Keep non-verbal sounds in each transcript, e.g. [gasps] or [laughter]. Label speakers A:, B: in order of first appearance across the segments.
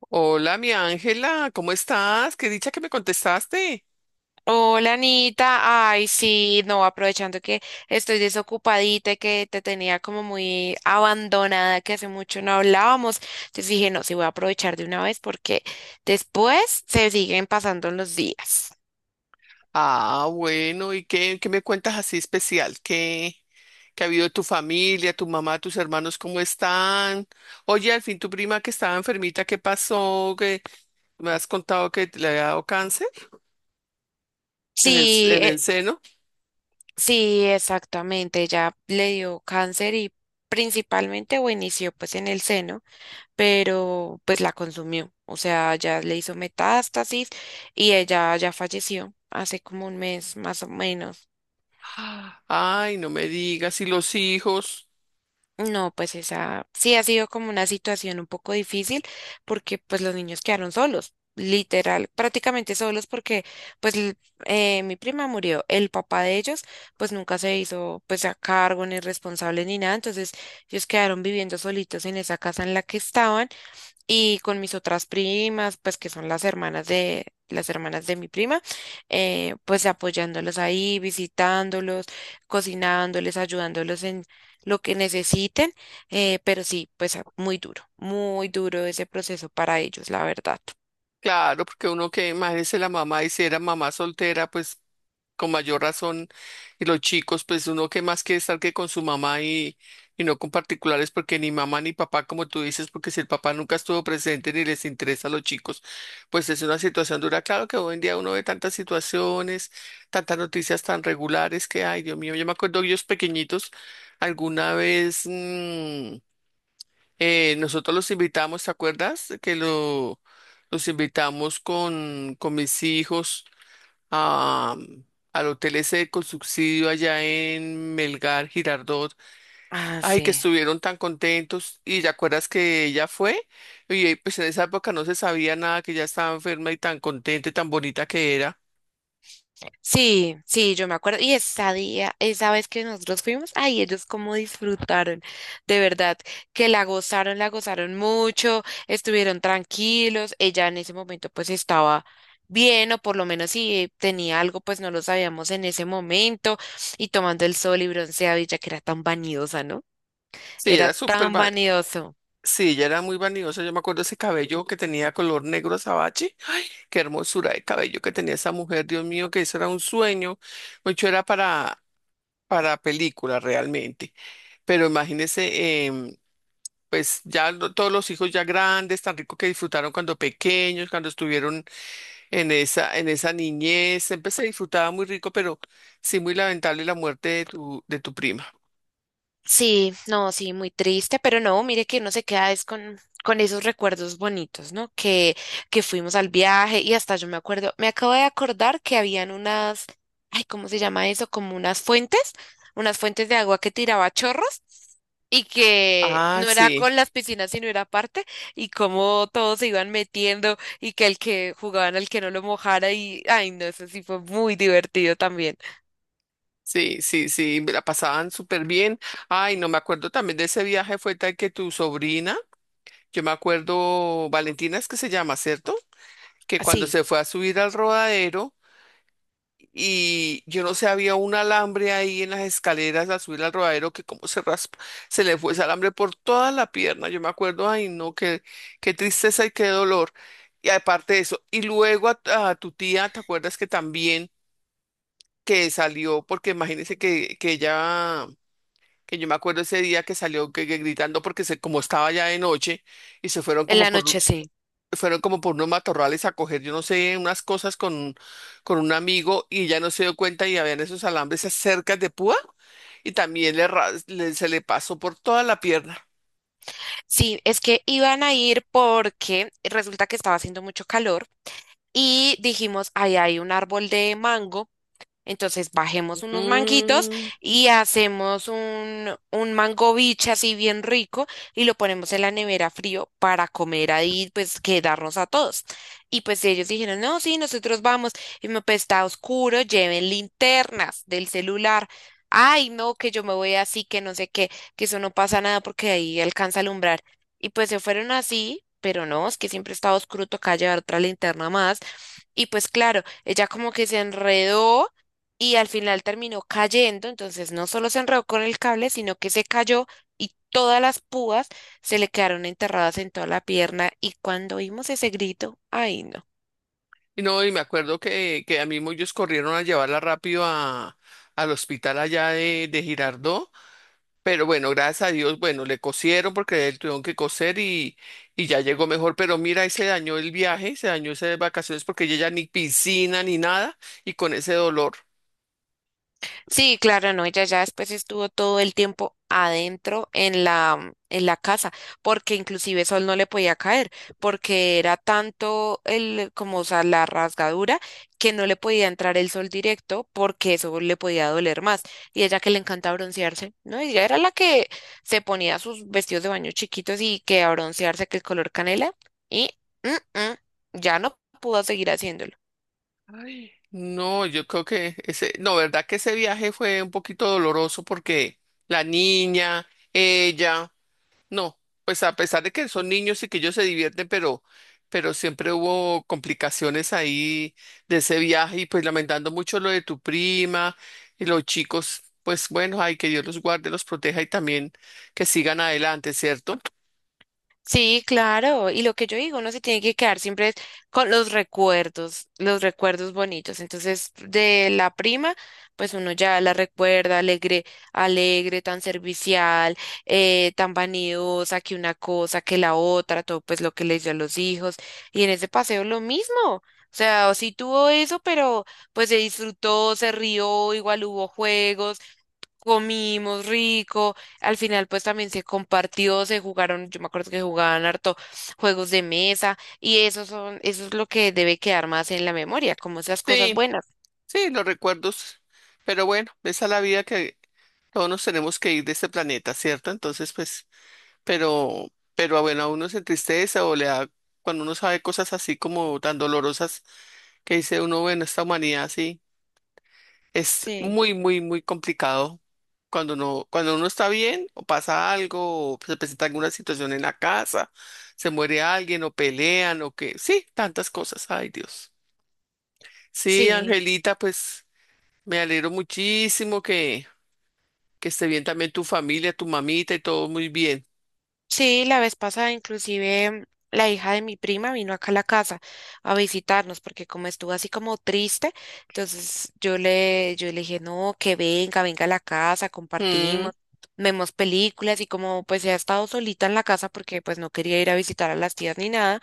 A: Hola, mi Ángela, ¿cómo estás? Qué dicha que me contestaste.
B: Hola Anita, ay sí, no, aprovechando que estoy desocupadita y que te tenía como muy abandonada, que hace mucho no hablábamos, entonces dije, no, sí voy a aprovechar de una vez porque después se siguen pasando los días.
A: Ah, bueno, ¿y qué, qué me cuentas así especial? ¿Qué, qué ha habido de tu familia, tu mamá, tus hermanos, cómo están? Oye, al fin tu prima que estaba enfermita, ¿qué pasó? Que me has contado que te le había dado cáncer
B: Sí,
A: en el seno? [gasps]
B: sí, exactamente, ya le dio cáncer y principalmente o inició pues en el seno, pero pues la consumió, o sea, ya le hizo metástasis y ella ya falleció hace como un mes más o menos.
A: Ah, ay, no me digas, ¿y los hijos?
B: No, pues esa sí ha sido como una situación un poco difícil porque pues los niños quedaron solos, literal, prácticamente solos porque pues l- mi prima murió, el papá de ellos pues nunca se hizo pues a cargo ni responsable ni nada, entonces ellos quedaron viviendo solitos en esa casa en la que estaban y con mis otras primas, pues que son las hermanas de mi prima, pues apoyándolos ahí, visitándolos, cocinándoles, ayudándolos en lo que necesiten, pero sí, muy duro ese proceso para ellos, la verdad.
A: Claro, porque uno que imagínese la mamá, y si era mamá soltera, pues con mayor razón, y los chicos, pues uno que más quiere estar que con su mamá, y no con particulares, porque ni mamá ni papá, como tú dices, porque si el papá nunca estuvo presente ni les interesa a los chicos, pues es una situación dura. Claro que hoy en día uno ve tantas situaciones, tantas noticias tan regulares que, ay, Dios mío, yo me acuerdo ellos pequeñitos, alguna vez. Nosotros los invitamos, ¿te acuerdas? Los invitamos con mis hijos a, al hotel ese con subsidio allá en Melgar, Girardot.
B: Ah,
A: Ay, que
B: sí.
A: estuvieron tan contentos. Y ¿te acuerdas que ella fue? Pues en esa época no se sabía nada, que ella estaba enferma y tan contenta y tan bonita que era.
B: Sí, sí, yo me acuerdo. Y esa día, esa vez que nosotros fuimos, ay, ellos cómo disfrutaron, de verdad, que la gozaron mucho, estuvieron tranquilos. Ella en ese momento pues estaba bien, o por lo menos si tenía algo, pues no lo sabíamos en ese momento, y tomando el sol y bronceado, y ya que era tan vanidosa, ¿no?
A: Sí,
B: Era
A: era súper,
B: tan
A: va-
B: vanidoso.
A: sí, ella era muy vanidosa. Yo me acuerdo ese cabello que tenía color negro azabache. Qué hermosura de cabello que tenía esa mujer, Dios mío, que eso era un sueño. Mucho era para película realmente. Pero imagínese, pues todos los hijos ya grandes, tan rico que disfrutaron cuando pequeños, cuando estuvieron en esa niñez. Siempre se disfrutaba muy rico, pero sí muy lamentable la muerte de tu prima.
B: Sí, no, sí, muy triste, pero no, mire que uno se queda es con esos recuerdos bonitos, ¿no? Que fuimos al viaje y hasta yo me acuerdo, me acabo de acordar que habían unas, ay, ¿cómo se llama eso? Como unas fuentes de agua que tiraba chorros y que
A: Ah,
B: no era
A: sí.
B: con las piscinas, sino era aparte, y cómo todos se iban metiendo y que el que jugaban al que no lo mojara y, ay, no, eso sí fue muy divertido también.
A: Sí, sí, sí, me la pasaban súper bien. Ay, no me acuerdo también de ese viaje, fue tal que tu sobrina. Yo me acuerdo, Valentina es que se llama, ¿cierto? Que
B: Ah,
A: cuando
B: sí,
A: se fue a subir al rodadero, y yo no sé, había un alambre ahí en las escaleras al subir al rodadero que como se raspa, se le fue ese alambre por toda la pierna. Yo me acuerdo, ay no, qué, qué tristeza y qué dolor. Y aparte de eso, y luego a tu tía, ¿te acuerdas que también que salió? Porque imagínese que ella, que yo me acuerdo ese día que salió que gritando porque se, como estaba ya de noche y se
B: en la noche sí.
A: fueron como por unos matorrales a coger, yo no sé, unas cosas con un amigo y ya no se dio cuenta y habían esos alambres cerca de púa y también se le pasó por toda la pierna.
B: Sí, es que iban a ir porque resulta que estaba haciendo mucho calor y dijimos, ahí hay un árbol de mango. Entonces bajemos unos manguitos
A: Mm,
B: y hacemos un mango biche así bien rico y lo ponemos en la nevera frío para comer ahí, pues quedarnos a todos. Y pues ellos dijeron, no, sí, nosotros vamos. Y me, pues está oscuro, lleven linternas del celular. Ay, no, que yo me voy así, que no sé qué, que eso no pasa nada porque ahí alcanza a alumbrar. Y pues se fueron así, pero no, es que siempre estaba oscuro, toca llevar otra linterna más. Y pues claro, ella como que se enredó y al final terminó cayendo, entonces no solo se enredó con el cable, sino que se cayó y todas las púas se le quedaron enterradas en toda la pierna y cuando oímos ese grito, ay no.
A: y no, y me acuerdo que a mí ellos corrieron a llevarla rápido a, al hospital allá de Girardot, pero bueno, gracias a Dios, bueno, le cosieron porque él tuvieron que coser y ya llegó mejor, pero mira, ahí se dañó el viaje, se dañó esas vacaciones porque ella ya ni piscina ni nada, y con ese dolor.
B: Sí, claro, no, ella ya después estuvo todo el tiempo adentro en la casa, porque inclusive sol no le podía caer, porque era tanto el, como, o sea, la rasgadura, que no le podía entrar el sol directo, porque eso le podía doler más. Y ella que le encanta broncearse, ¿no? Ella era la que se ponía sus vestidos de baño chiquitos y que a broncearse, que el color canela, y mm, mm, ya no pudo seguir haciéndolo.
A: Ay. No, yo creo que ese, no, verdad que ese viaje fue un poquito doloroso porque la niña, ella, no, pues a pesar de que son niños y que ellos se divierten, pero siempre hubo complicaciones ahí de ese viaje y pues lamentando mucho lo de tu prima y los chicos, pues bueno, ay, que Dios los guarde, los proteja y también que sigan adelante, ¿cierto?
B: Sí, claro. Y lo que yo digo, uno se tiene que quedar siempre con los recuerdos bonitos. Entonces, de la prima, pues uno ya la recuerda alegre, alegre, tan servicial, tan vanidosa, que una cosa, que la otra, todo pues lo que le dio a los hijos. Y en ese paseo lo mismo. O sea, sí tuvo eso, pero pues se disfrutó, se rió, igual hubo juegos comimos rico, al final pues también se compartió, se jugaron, yo me acuerdo que jugaban harto juegos de mesa y eso son, eso es lo que debe quedar más en la memoria, como esas cosas
A: Sí,
B: buenas.
A: sí, los recuerdos, pero bueno, esa es la vida que, todos nos tenemos que ir de este planeta, ¿cierto? Entonces, pues, pero, pero bueno, a uno se entristece o le da, cuando uno sabe cosas así como tan dolorosas, que dice uno, bueno, esta humanidad sí, es
B: Sí,
A: muy, muy, muy complicado. Cuando uno está bien, o pasa algo, o se presenta alguna situación en la casa, se muere alguien, o pelean, o que, sí, tantas cosas, ay Dios. Sí,
B: sí.
A: Angelita, pues me alegro muchísimo que esté bien también tu familia, tu mamita y todo muy bien.
B: Sí, la vez pasada inclusive la hija de mi prima vino acá a la casa a visitarnos porque como estuvo así como triste, entonces yo le dije, no, que venga, venga a la casa,
A: Mm,
B: compartimos, vemos películas y como pues ella ha estado solita en la casa porque pues no quería ir a visitar a las tías ni nada.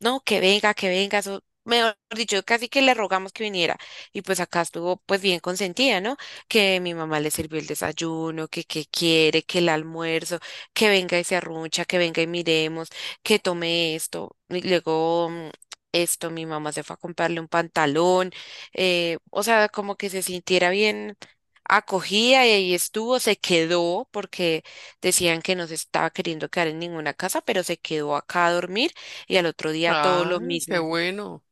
B: No, que venga, eso, mejor dicho, casi que le rogamos que viniera. Y pues acá estuvo pues bien consentida, ¿no? Que mi mamá le sirvió el desayuno, que qué quiere, que el almuerzo, que venga y se arruncha, que venga y miremos, que tome esto. Y luego esto, mi mamá se fue a comprarle un pantalón, o sea, como que se sintiera bien acogida y ahí estuvo, se quedó porque decían que no se estaba queriendo quedar en ninguna casa, pero se quedó acá a dormir y al otro día todo
A: ah,
B: lo
A: Qué
B: mismo.
A: bueno,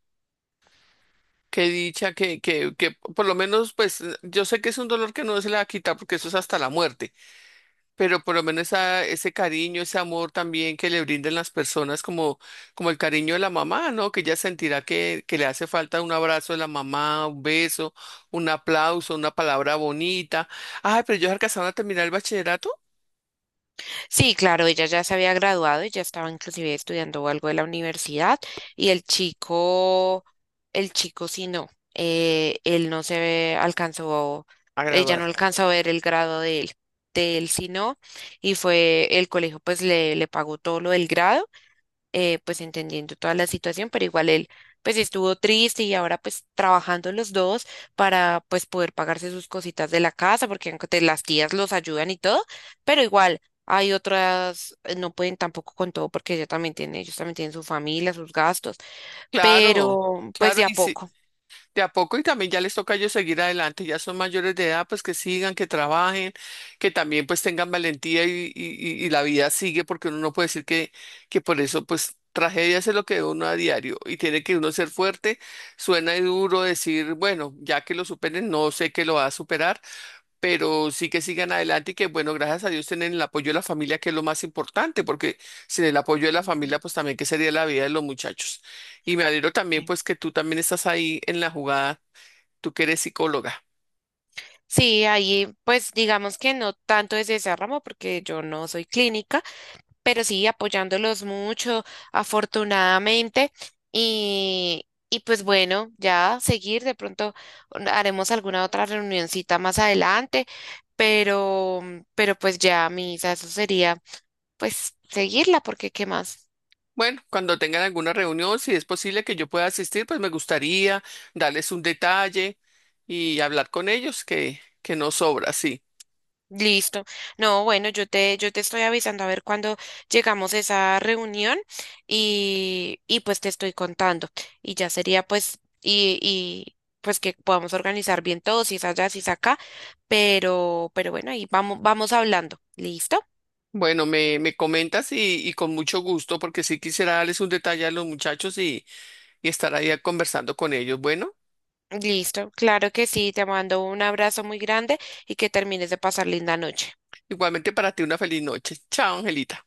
A: qué dicha, que, que por lo menos, pues yo sé que es un dolor que no se le va a quitar porque eso es hasta la muerte, pero por lo menos ese cariño, ese amor también que le brindan las personas, como, como el cariño de la mamá, ¿no? Que ella sentirá que le hace falta un abrazo de la mamá, un beso, un aplauso, una palabra bonita. Ay, pero ellos alcanzaron a terminar el bachillerato,
B: Sí, claro, ella ya se había graduado, ella estaba inclusive estudiando algo de la universidad y el chico sí no, él no se ve- alcanzó,
A: a
B: ella
A: graduar.
B: no alcanzó a ver el grado de él sí no, y fue el colegio pues le pagó todo lo del grado. Pues entendiendo toda la situación, pero igual él pues estuvo triste y ahora pues trabajando los dos para pues poder pagarse sus cositas de la casa, porque aunque las tías los ayudan y todo, pero igual hay otras, no pueden tampoco con todo porque ella también tiene, ellos también tienen su familia, sus gastos,
A: Claro,
B: pero pues
A: claro,
B: de a
A: y sí,
B: poco.
A: de a poco y también ya les toca a ellos seguir adelante, ya son mayores de edad, pues que sigan, que trabajen, que también pues tengan valentía y la vida sigue, porque uno no puede decir que por eso pues tragedias es lo que ve uno a diario y tiene que uno ser fuerte, suena duro decir, bueno, ya que lo superen, no sé que lo va a superar, pero sí que sigan adelante y que, bueno, gracias a Dios tienen el apoyo de la familia, que es lo más importante, porque sin el apoyo de la
B: Ujú.
A: familia, pues también qué sería la vida de los muchachos. Y me alegro también, pues, que tú también estás ahí en la jugada, tú que eres psicóloga.
B: Sí, ahí pues digamos que no tanto desde ese ramo porque yo no soy clínica, pero sí apoyándolos mucho, afortunadamente. Y pues bueno, ya seguir, de pronto haremos alguna otra reunioncita más adelante, pero, pero pues ya, Misa, eso sería pues seguirla, porque ¿qué más?
A: Bueno, cuando tengan alguna reunión, si es posible que yo pueda asistir, pues me gustaría darles un detalle y hablar con ellos, que no sobra, sí.
B: Listo. No, bueno, yo te estoy avisando a ver cuándo llegamos a esa reunión y pues te estoy contando. Y ya sería pues, y pues que podamos organizar bien todo, si es allá, si es acá, pero bueno, ahí vamos, vamos hablando. ¿Listo?
A: Bueno, me comentas y con mucho gusto, porque sí quisiera darles un detalle a los muchachos y estar ahí conversando con ellos. Bueno.
B: Listo. Claro que sí, te mando un abrazo muy grande y que termines de pasar linda noche.
A: Igualmente para ti una feliz noche. Chao, Angelita.